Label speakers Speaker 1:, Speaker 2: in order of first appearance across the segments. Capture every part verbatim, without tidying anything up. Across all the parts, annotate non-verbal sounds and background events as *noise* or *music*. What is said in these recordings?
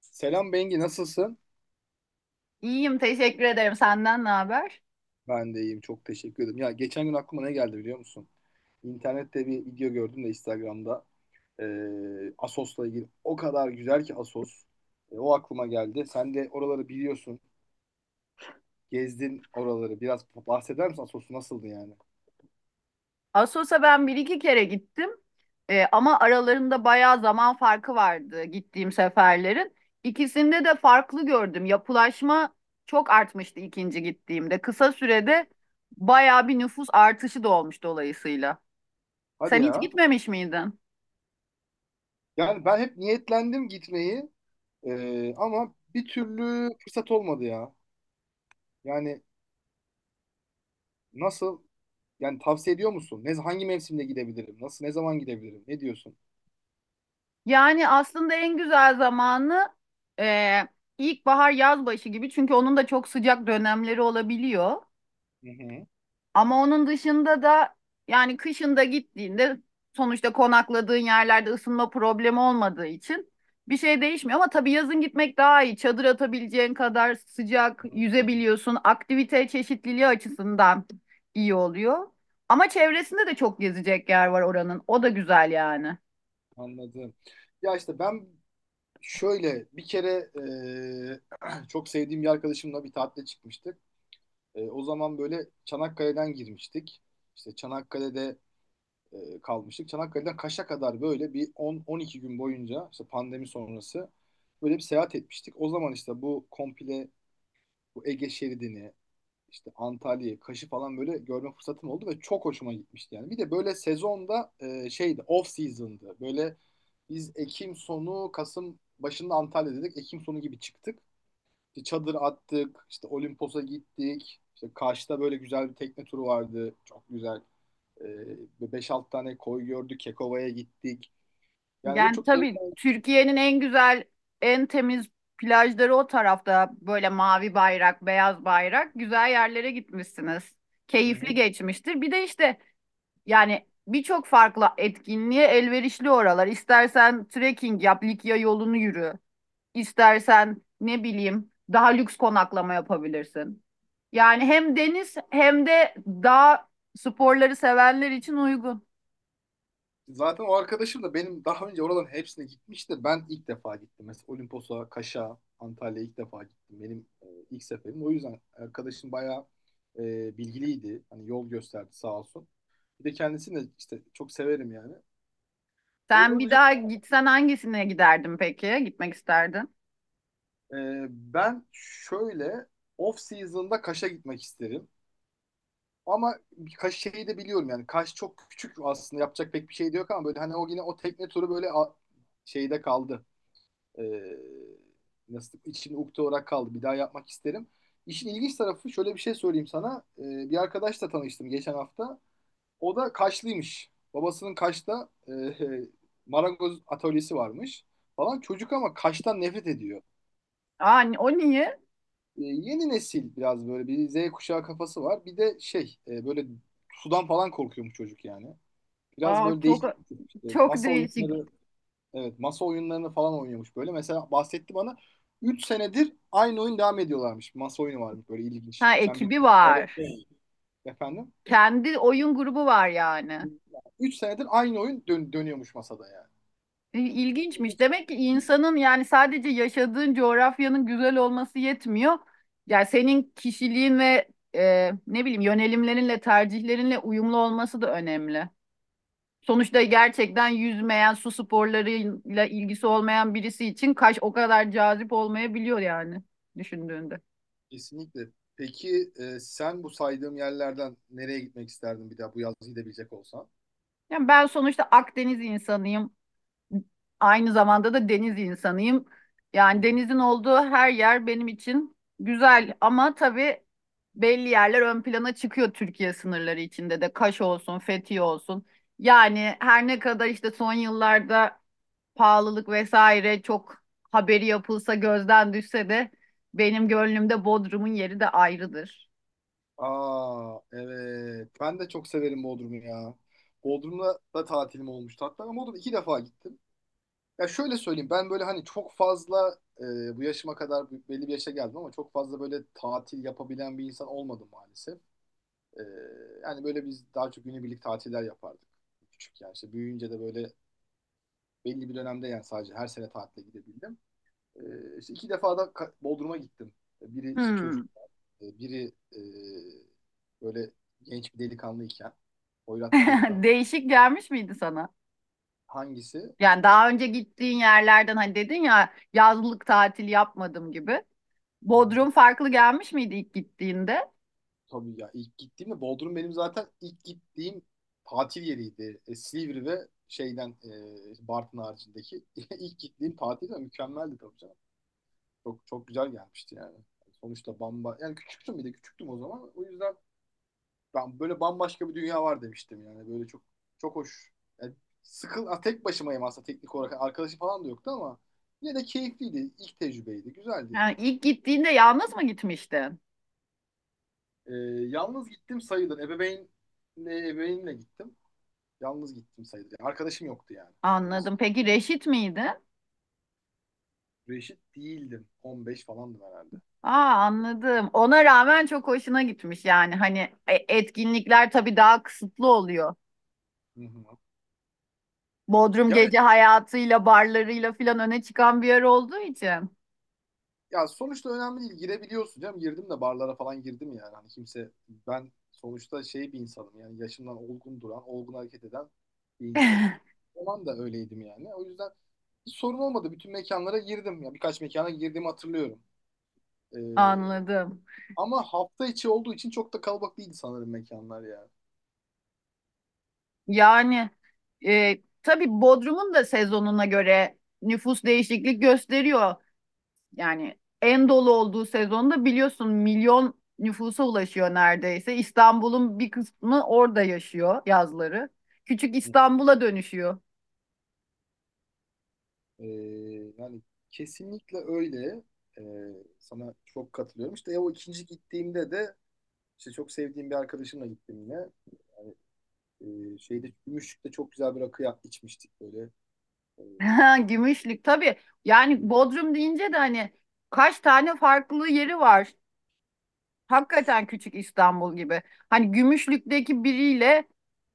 Speaker 1: Selam Bengi, nasılsın?
Speaker 2: İyiyim, teşekkür ederim. Senden ne haber?
Speaker 1: Ben de iyiyim, çok teşekkür ederim. Ya geçen gün aklıma ne geldi biliyor musun? İnternette bir video gördüm de Instagram'da. Ee, Asos'la ilgili. O kadar güzel ki Asos. Ee, o aklıma geldi. Sen de oraları biliyorsun. Gezdin oraları. Biraz bahseder misin, Asos'u nasıldı yani?
Speaker 2: Assos'a ben bir iki kere gittim. Ee, ama aralarında bayağı zaman farkı vardı gittiğim seferlerin. İkisinde de farklı gördüm. Yapılaşma çok artmıştı ikinci gittiğimde. Kısa sürede bayağı bir nüfus artışı da olmuş dolayısıyla.
Speaker 1: Hadi
Speaker 2: Sen hiç
Speaker 1: ya.
Speaker 2: gitmemiş miydin?
Speaker 1: Yani ben hep niyetlendim gitmeyi. Ee, ama bir türlü fırsat olmadı ya. Yani nasıl? Yani tavsiye ediyor musun? Ne, hangi mevsimde gidebilirim? Nasıl? Ne zaman gidebilirim? Ne diyorsun?
Speaker 2: Yani aslında en güzel zamanı e, ilkbahar yaz başı gibi. Çünkü onun da çok sıcak dönemleri olabiliyor.
Speaker 1: Hı hı.
Speaker 2: Ama onun dışında da yani kışında gittiğinde sonuçta konakladığın yerlerde ısınma problemi olmadığı için bir şey değişmiyor. Ama tabii yazın gitmek daha iyi. Çadır atabileceğin kadar sıcak, yüzebiliyorsun. Aktivite çeşitliliği açısından iyi oluyor. Ama çevresinde de çok gezecek yer var oranın. O da güzel yani.
Speaker 1: Anladım. Ya işte ben şöyle bir kere e, *clears throat* çok sevdiğim bir arkadaşımla bir tatile çıkmıştık. E, o zaman böyle Çanakkale'den girmiştik. İşte Çanakkale'de e, kalmıştık. Çanakkale'den Kaş'a kadar böyle bir on on iki gün boyunca işte pandemi sonrası böyle bir seyahat etmiştik. O zaman işte bu komple. Bu Ege şeridini, işte Antalya'yı, Kaş'ı falan böyle görme fırsatım oldu ve çok hoşuma gitmişti yani. Bir de böyle sezonda e, şeydi, off season'dı. Böyle biz Ekim sonu, Kasım başında Antalya dedik. Ekim sonu gibi çıktık. İşte çadır attık, işte Olimpos'a gittik. İşte Kaş'ta böyle güzel bir tekne turu vardı. Çok güzel. E, beş altı tane koy gördük. Kekova'ya gittik. Yani böyle
Speaker 2: Yani
Speaker 1: çok
Speaker 2: tabii Türkiye'nin en güzel, en temiz plajları o tarafta. Böyle mavi bayrak, beyaz bayrak. Güzel yerlere gitmişsiniz. Keyifli
Speaker 1: eğlenceli.
Speaker 2: geçmiştir. Bir de işte yani birçok farklı etkinliğe elverişli oralar. İstersen trekking yap, Likya yolunu yürü. İstersen ne bileyim daha lüks konaklama yapabilirsin. Yani hem deniz hem de dağ sporları sevenler için uygun.
Speaker 1: Zaten o arkadaşım da benim daha önce oraların hepsine gitmişti. Ben ilk defa gittim. Mesela Olimpos'a, Kaş'a, Antalya'ya ilk defa gittim. Benim e, ilk seferim. O yüzden arkadaşım bayağı e, bilgiliydi. Hani yol gösterdi sağ olsun. Bir de kendisini de işte çok severim yani. Öyle
Speaker 2: Sen bir
Speaker 1: olacak.
Speaker 2: daha gitsen hangisine giderdin peki? Gitmek isterdin.
Speaker 1: E, ben şöyle off season'da Kaş'a gitmek isterim. Ama bir Kaş şeyi de biliyorum yani. Kaş çok küçük, aslında yapacak pek bir şey de yok ama böyle hani o yine o tekne turu böyle a- şeyde kaldı. Ee, nasıl içimde ukde olarak kaldı. Bir daha yapmak isterim. İşin ilginç tarafı, şöyle bir şey söyleyeyim sana. Ee, bir arkadaşla tanıştım geçen hafta. O da Kaşlıymış. Babasının Kaş'ta e, *laughs* marangoz atölyesi varmış falan. Çocuk ama Kaş'tan nefret ediyor.
Speaker 2: Aa, ni- o niye?
Speaker 1: Ee, yeni nesil biraz böyle bir Z kuşağı kafası var. Bir de şey e, böyle sudan falan korkuyormuş çocuk yani. Biraz
Speaker 2: Aa,
Speaker 1: böyle
Speaker 2: çok
Speaker 1: değişik bir tip. İşte
Speaker 2: çok
Speaker 1: masa
Speaker 2: değişik.
Speaker 1: oyunları. Evet, masa oyunlarını falan oynuyormuş böyle. Mesela bahsetti bana, üç senedir aynı oyun devam ediyorlarmış. Masa oyunu varmış böyle ilginç.
Speaker 2: Ha
Speaker 1: Sen bir
Speaker 2: ekibi var.
Speaker 1: T R T. Efendim?
Speaker 2: Kendi oyun grubu var yani.
Speaker 1: Üç senedir aynı oyun dön- dönüyormuş masada yani.
Speaker 2: E, İlginçmiş. Demek ki insanın yani sadece yaşadığın coğrafyanın güzel olması yetmiyor. Yani senin kişiliğin ve e, ne bileyim yönelimlerinle, tercihlerinle uyumlu olması da önemli. Sonuçta gerçekten yüzmeyen, su sporlarıyla ilgisi olmayan birisi için Kaş o kadar cazip olmayabiliyor yani düşündüğünde.
Speaker 1: Kesinlikle. Peki e, sen bu saydığım yerlerden nereye gitmek isterdin bir daha bu yaz gidebilecek olsan?
Speaker 2: Yani ben sonuçta Akdeniz insanıyım. Aynı zamanda da deniz insanıyım. Yani
Speaker 1: Hı. hı.
Speaker 2: denizin olduğu her yer benim için güzel ama tabii belli yerler ön plana çıkıyor Türkiye sınırları içinde de. Kaş olsun, Fethiye olsun. Yani her ne kadar işte son yıllarda pahalılık vesaire çok haberi yapılsa gözden düşse de benim gönlümde Bodrum'un yeri de ayrıdır.
Speaker 1: Aa, evet. Ben de çok severim Bodrum'u ya. Bodrum'da da tatilim olmuştu. Hatta ben Bodrum iki defa gittim. Ya şöyle söyleyeyim, ben böyle hani çok fazla e, bu yaşıma kadar bu- belli bir yaşa geldim ama çok fazla böyle tatil yapabilen bir insan olmadım maalesef. E, yani böyle biz daha çok günübirlik tatiller yapardık küçük, yani işte büyüyünce de böyle belli bir dönemde, yani sadece her sene tatile gidebildim. E, işte iki defa da Ka- Bodrum'a gittim. E, Biri işte
Speaker 2: Hmm.
Speaker 1: çocuk, e, biri e, böyle genç bir delikanlıyken, hoyrat bir
Speaker 2: *laughs*
Speaker 1: delikanlı.
Speaker 2: Değişik gelmiş miydi sana?
Speaker 1: Hangisi?
Speaker 2: Yani daha önce gittiğin yerlerden hani dedin ya yazlık tatil yapmadım gibi.
Speaker 1: Hı hı.
Speaker 2: Bodrum farklı gelmiş miydi ilk gittiğinde?
Speaker 1: Tabii ya, ilk gittiğimde Bodrum benim zaten ilk gittiğim tatil yeriydi. E, Silivri ve şeyden e, Bartın haricindeki *laughs* ilk gittiğim tatil de mükemmeldi tabii canım. Çok çok güzel gelmişti yani. Sonuçta bamba yani küçüktüm, bir de küçüktüm o zaman. O yüzden ben böyle bambaşka bir dünya var demiştim yani. Böyle çok çok hoş. Yani sıkıl ha, tek başımayım aslında teknik olarak. Yani arkadaşım falan da yoktu ama yine de keyifliydi. İlk tecrübeydi. Güzeldi
Speaker 2: Yani
Speaker 1: yani.
Speaker 2: ilk gittiğinde yalnız mı gitmiştin?
Speaker 1: E, yalnız gittim sayılır. Ebeveynle ebeveynle gittim. Yalnız gittim sayılır. Yani arkadaşım yoktu yani. Öyle.
Speaker 2: Anladım. Peki reşit miydi?
Speaker 1: Reşit değildim. on beş falandım herhalde.
Speaker 2: Aa, anladım. Ona rağmen çok hoşuna gitmiş yani. Hani e, etkinlikler tabii daha kısıtlı oluyor.
Speaker 1: Hı hı.
Speaker 2: Bodrum
Speaker 1: Yani
Speaker 2: gece hayatıyla, barlarıyla filan öne çıkan bir yer olduğu için.
Speaker 1: ya, sonuçta önemli değil. Girebiliyorsun canım. Girdim, de barlara falan girdim yani. Hani kimse, ben sonuçta şey bir insanım yani, yaşımdan olgun duran, olgun hareket eden bir insanım.
Speaker 2: *laughs*
Speaker 1: O zaman da öyleydim yani. O yüzden hiç sorun olmadı. Bütün mekanlara girdim. Ya, birkaç mekana girdiğimi hatırlıyorum. Ee,
Speaker 2: Anladım.
Speaker 1: ama hafta içi olduğu için çok da kalabalık değildi sanırım mekanlar ya.
Speaker 2: Yani e, tabii Bodrum'un da sezonuna göre nüfus değişiklik gösteriyor. Yani en dolu olduğu sezonda biliyorsun milyon nüfusa ulaşıyor neredeyse. İstanbul'un bir kısmı orada yaşıyor yazları. Küçük İstanbul'a dönüşüyor. *laughs*
Speaker 1: Ee, yani kesinlikle öyle. Ee, sana çok katılıyorum. İşte o ikinci gittiğimde de işte çok sevdiğim bir arkadaşımla gittim yine. Ee, şeyde, Gümüşlük'te çok güzel bir rakı ya- içmiştik böyle. Ee,
Speaker 2: Ha, Gümüşlük tabii. Yani Bodrum deyince de hani kaç tane farklı yeri var. Hakikaten küçük İstanbul gibi. Hani Gümüşlük'teki biriyle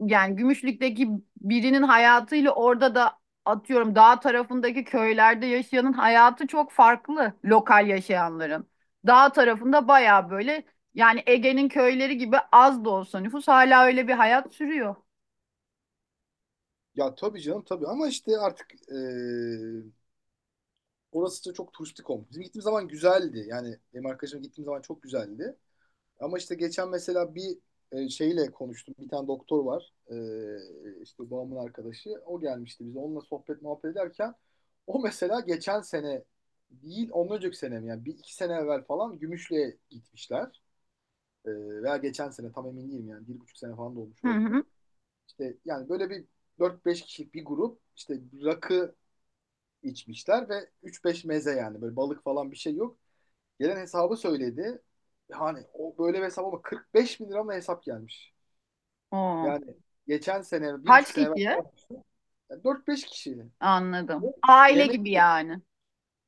Speaker 2: yani Gümüşlük'teki birinin hayatıyla orada da atıyorum dağ tarafındaki köylerde yaşayanın hayatı çok farklı lokal yaşayanların. Dağ tarafında baya böyle yani Ege'nin köyleri gibi az da olsa nüfus hala öyle bir hayat sürüyor.
Speaker 1: ya tabii canım tabii, ama işte artık ee, orası da çok turistik olmuş. Bizim gittiğimiz zaman güzeldi. Yani benim arkadaşım gittiğim zaman çok güzeldi. Ama işte geçen mesela bir e, şeyle konuştum. Bir tane doktor var. E, işte babamın arkadaşı. O gelmişti bize. Onunla sohbet muhabbet ederken, o mesela geçen sene değil ondan önceki sene mi? Yani bir iki sene evvel falan Gümüşlü'ye gitmişler. E, veya geçen sene, tam emin değilim yani. Bir buçuk sene falan da olmuş
Speaker 2: Hı
Speaker 1: olabilir.
Speaker 2: hı.
Speaker 1: İşte yani böyle bir dört beş kişilik bir grup, işte rakı içmişler ve üç beş meze, yani böyle balık falan bir şey yok. Gelen hesabı söyledi. Yani o böyle bir hesap ama, kırk beş bin lira mı hesap gelmiş.
Speaker 2: Oo.
Speaker 1: Yani geçen sene, bir
Speaker 2: Kaç
Speaker 1: buçuk sene evvel
Speaker 2: kişi?
Speaker 1: falan yapmıştım. Yani dört beş kişi.
Speaker 2: Anladım.
Speaker 1: Bu
Speaker 2: Aile
Speaker 1: Yemek.
Speaker 2: gibi yani.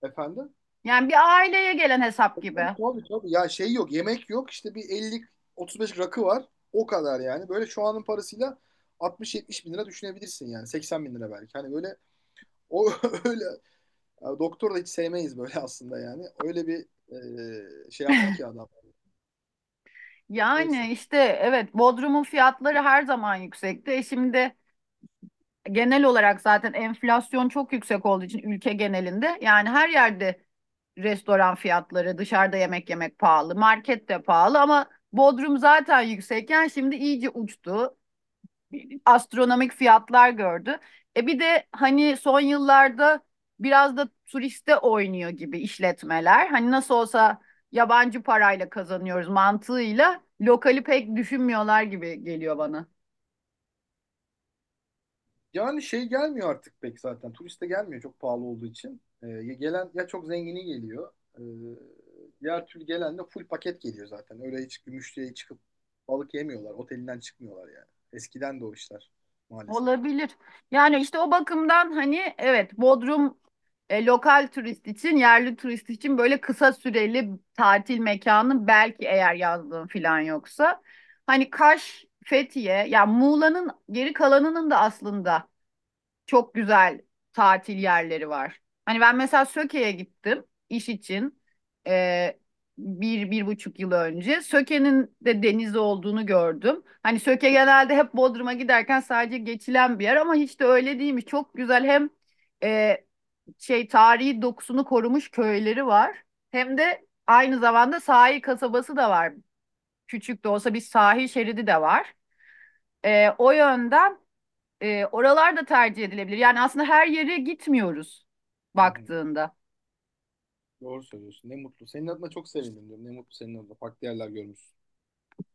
Speaker 1: Efendim?
Speaker 2: Yani bir aileye gelen hesap
Speaker 1: Tabii,
Speaker 2: gibi.
Speaker 1: tabii, tabii. Ya şey yok, yemek yok. İşte bir elli otuz beş rakı var. O kadar yani. Böyle şu anın parasıyla altmış yetmiş bin lira düşünebilirsin yani. seksen bin lira belki. Hani böyle, o *laughs* öyle, ya doktor da hiç sevmeyiz böyle aslında yani. Öyle bir e, şey yaptı ki adam. Neyse.
Speaker 2: Yani işte evet, Bodrum'un fiyatları her zaman yüksekti. E şimdi genel olarak zaten enflasyon çok yüksek olduğu için ülke genelinde yani her yerde restoran fiyatları, dışarıda yemek yemek pahalı, market de pahalı ama Bodrum zaten yüksekken şimdi iyice uçtu, astronomik fiyatlar gördü. E bir de hani son yıllarda biraz da turiste oynuyor gibi işletmeler. Hani nasıl olsa yabancı parayla kazanıyoruz mantığıyla lokali pek düşünmüyorlar gibi geliyor bana.
Speaker 1: Yani şey gelmiyor artık pek zaten. Turiste gelmiyor, çok pahalı olduğu için. Ee, ya gelen ya çok zengini geliyor. Ee, diğer türlü gelen de full paket geliyor zaten. Öyle hiç Gümüşlüğe çıkıp balık yemiyorlar. Otelinden çıkmıyorlar yani. Eskiden de o işler maalesef.
Speaker 2: Olabilir. Yani işte o bakımdan hani evet Bodrum e, lokal turist için, yerli turist için böyle kısa süreli tatil mekanı belki eğer yazdığın falan yoksa. Hani Kaş, Fethiye, ya Muğla'nın geri kalanının da aslında çok güzel tatil yerleri var. Hani ben mesela Söke'ye gittim iş için e, bir, bir buçuk yıl önce. Söke'nin de denizi olduğunu gördüm. Hani Söke genelde hep Bodrum'a giderken sadece geçilen bir yer ama hiç de öyle değilmiş. Çok güzel hem e, şey tarihi dokusunu korumuş köyleri var hem de aynı zamanda sahil kasabası da var. Küçük de olsa bir sahil şeridi de var. E, o yönden e, oralar da tercih edilebilir. Yani aslında her yere gitmiyoruz
Speaker 1: Hı hı.
Speaker 2: baktığında.
Speaker 1: Doğru söylüyorsun. Ne mutlu. Senin adına çok sevindim diyorum. Ne mutlu senin adına. Farklı yerler görmüşsün.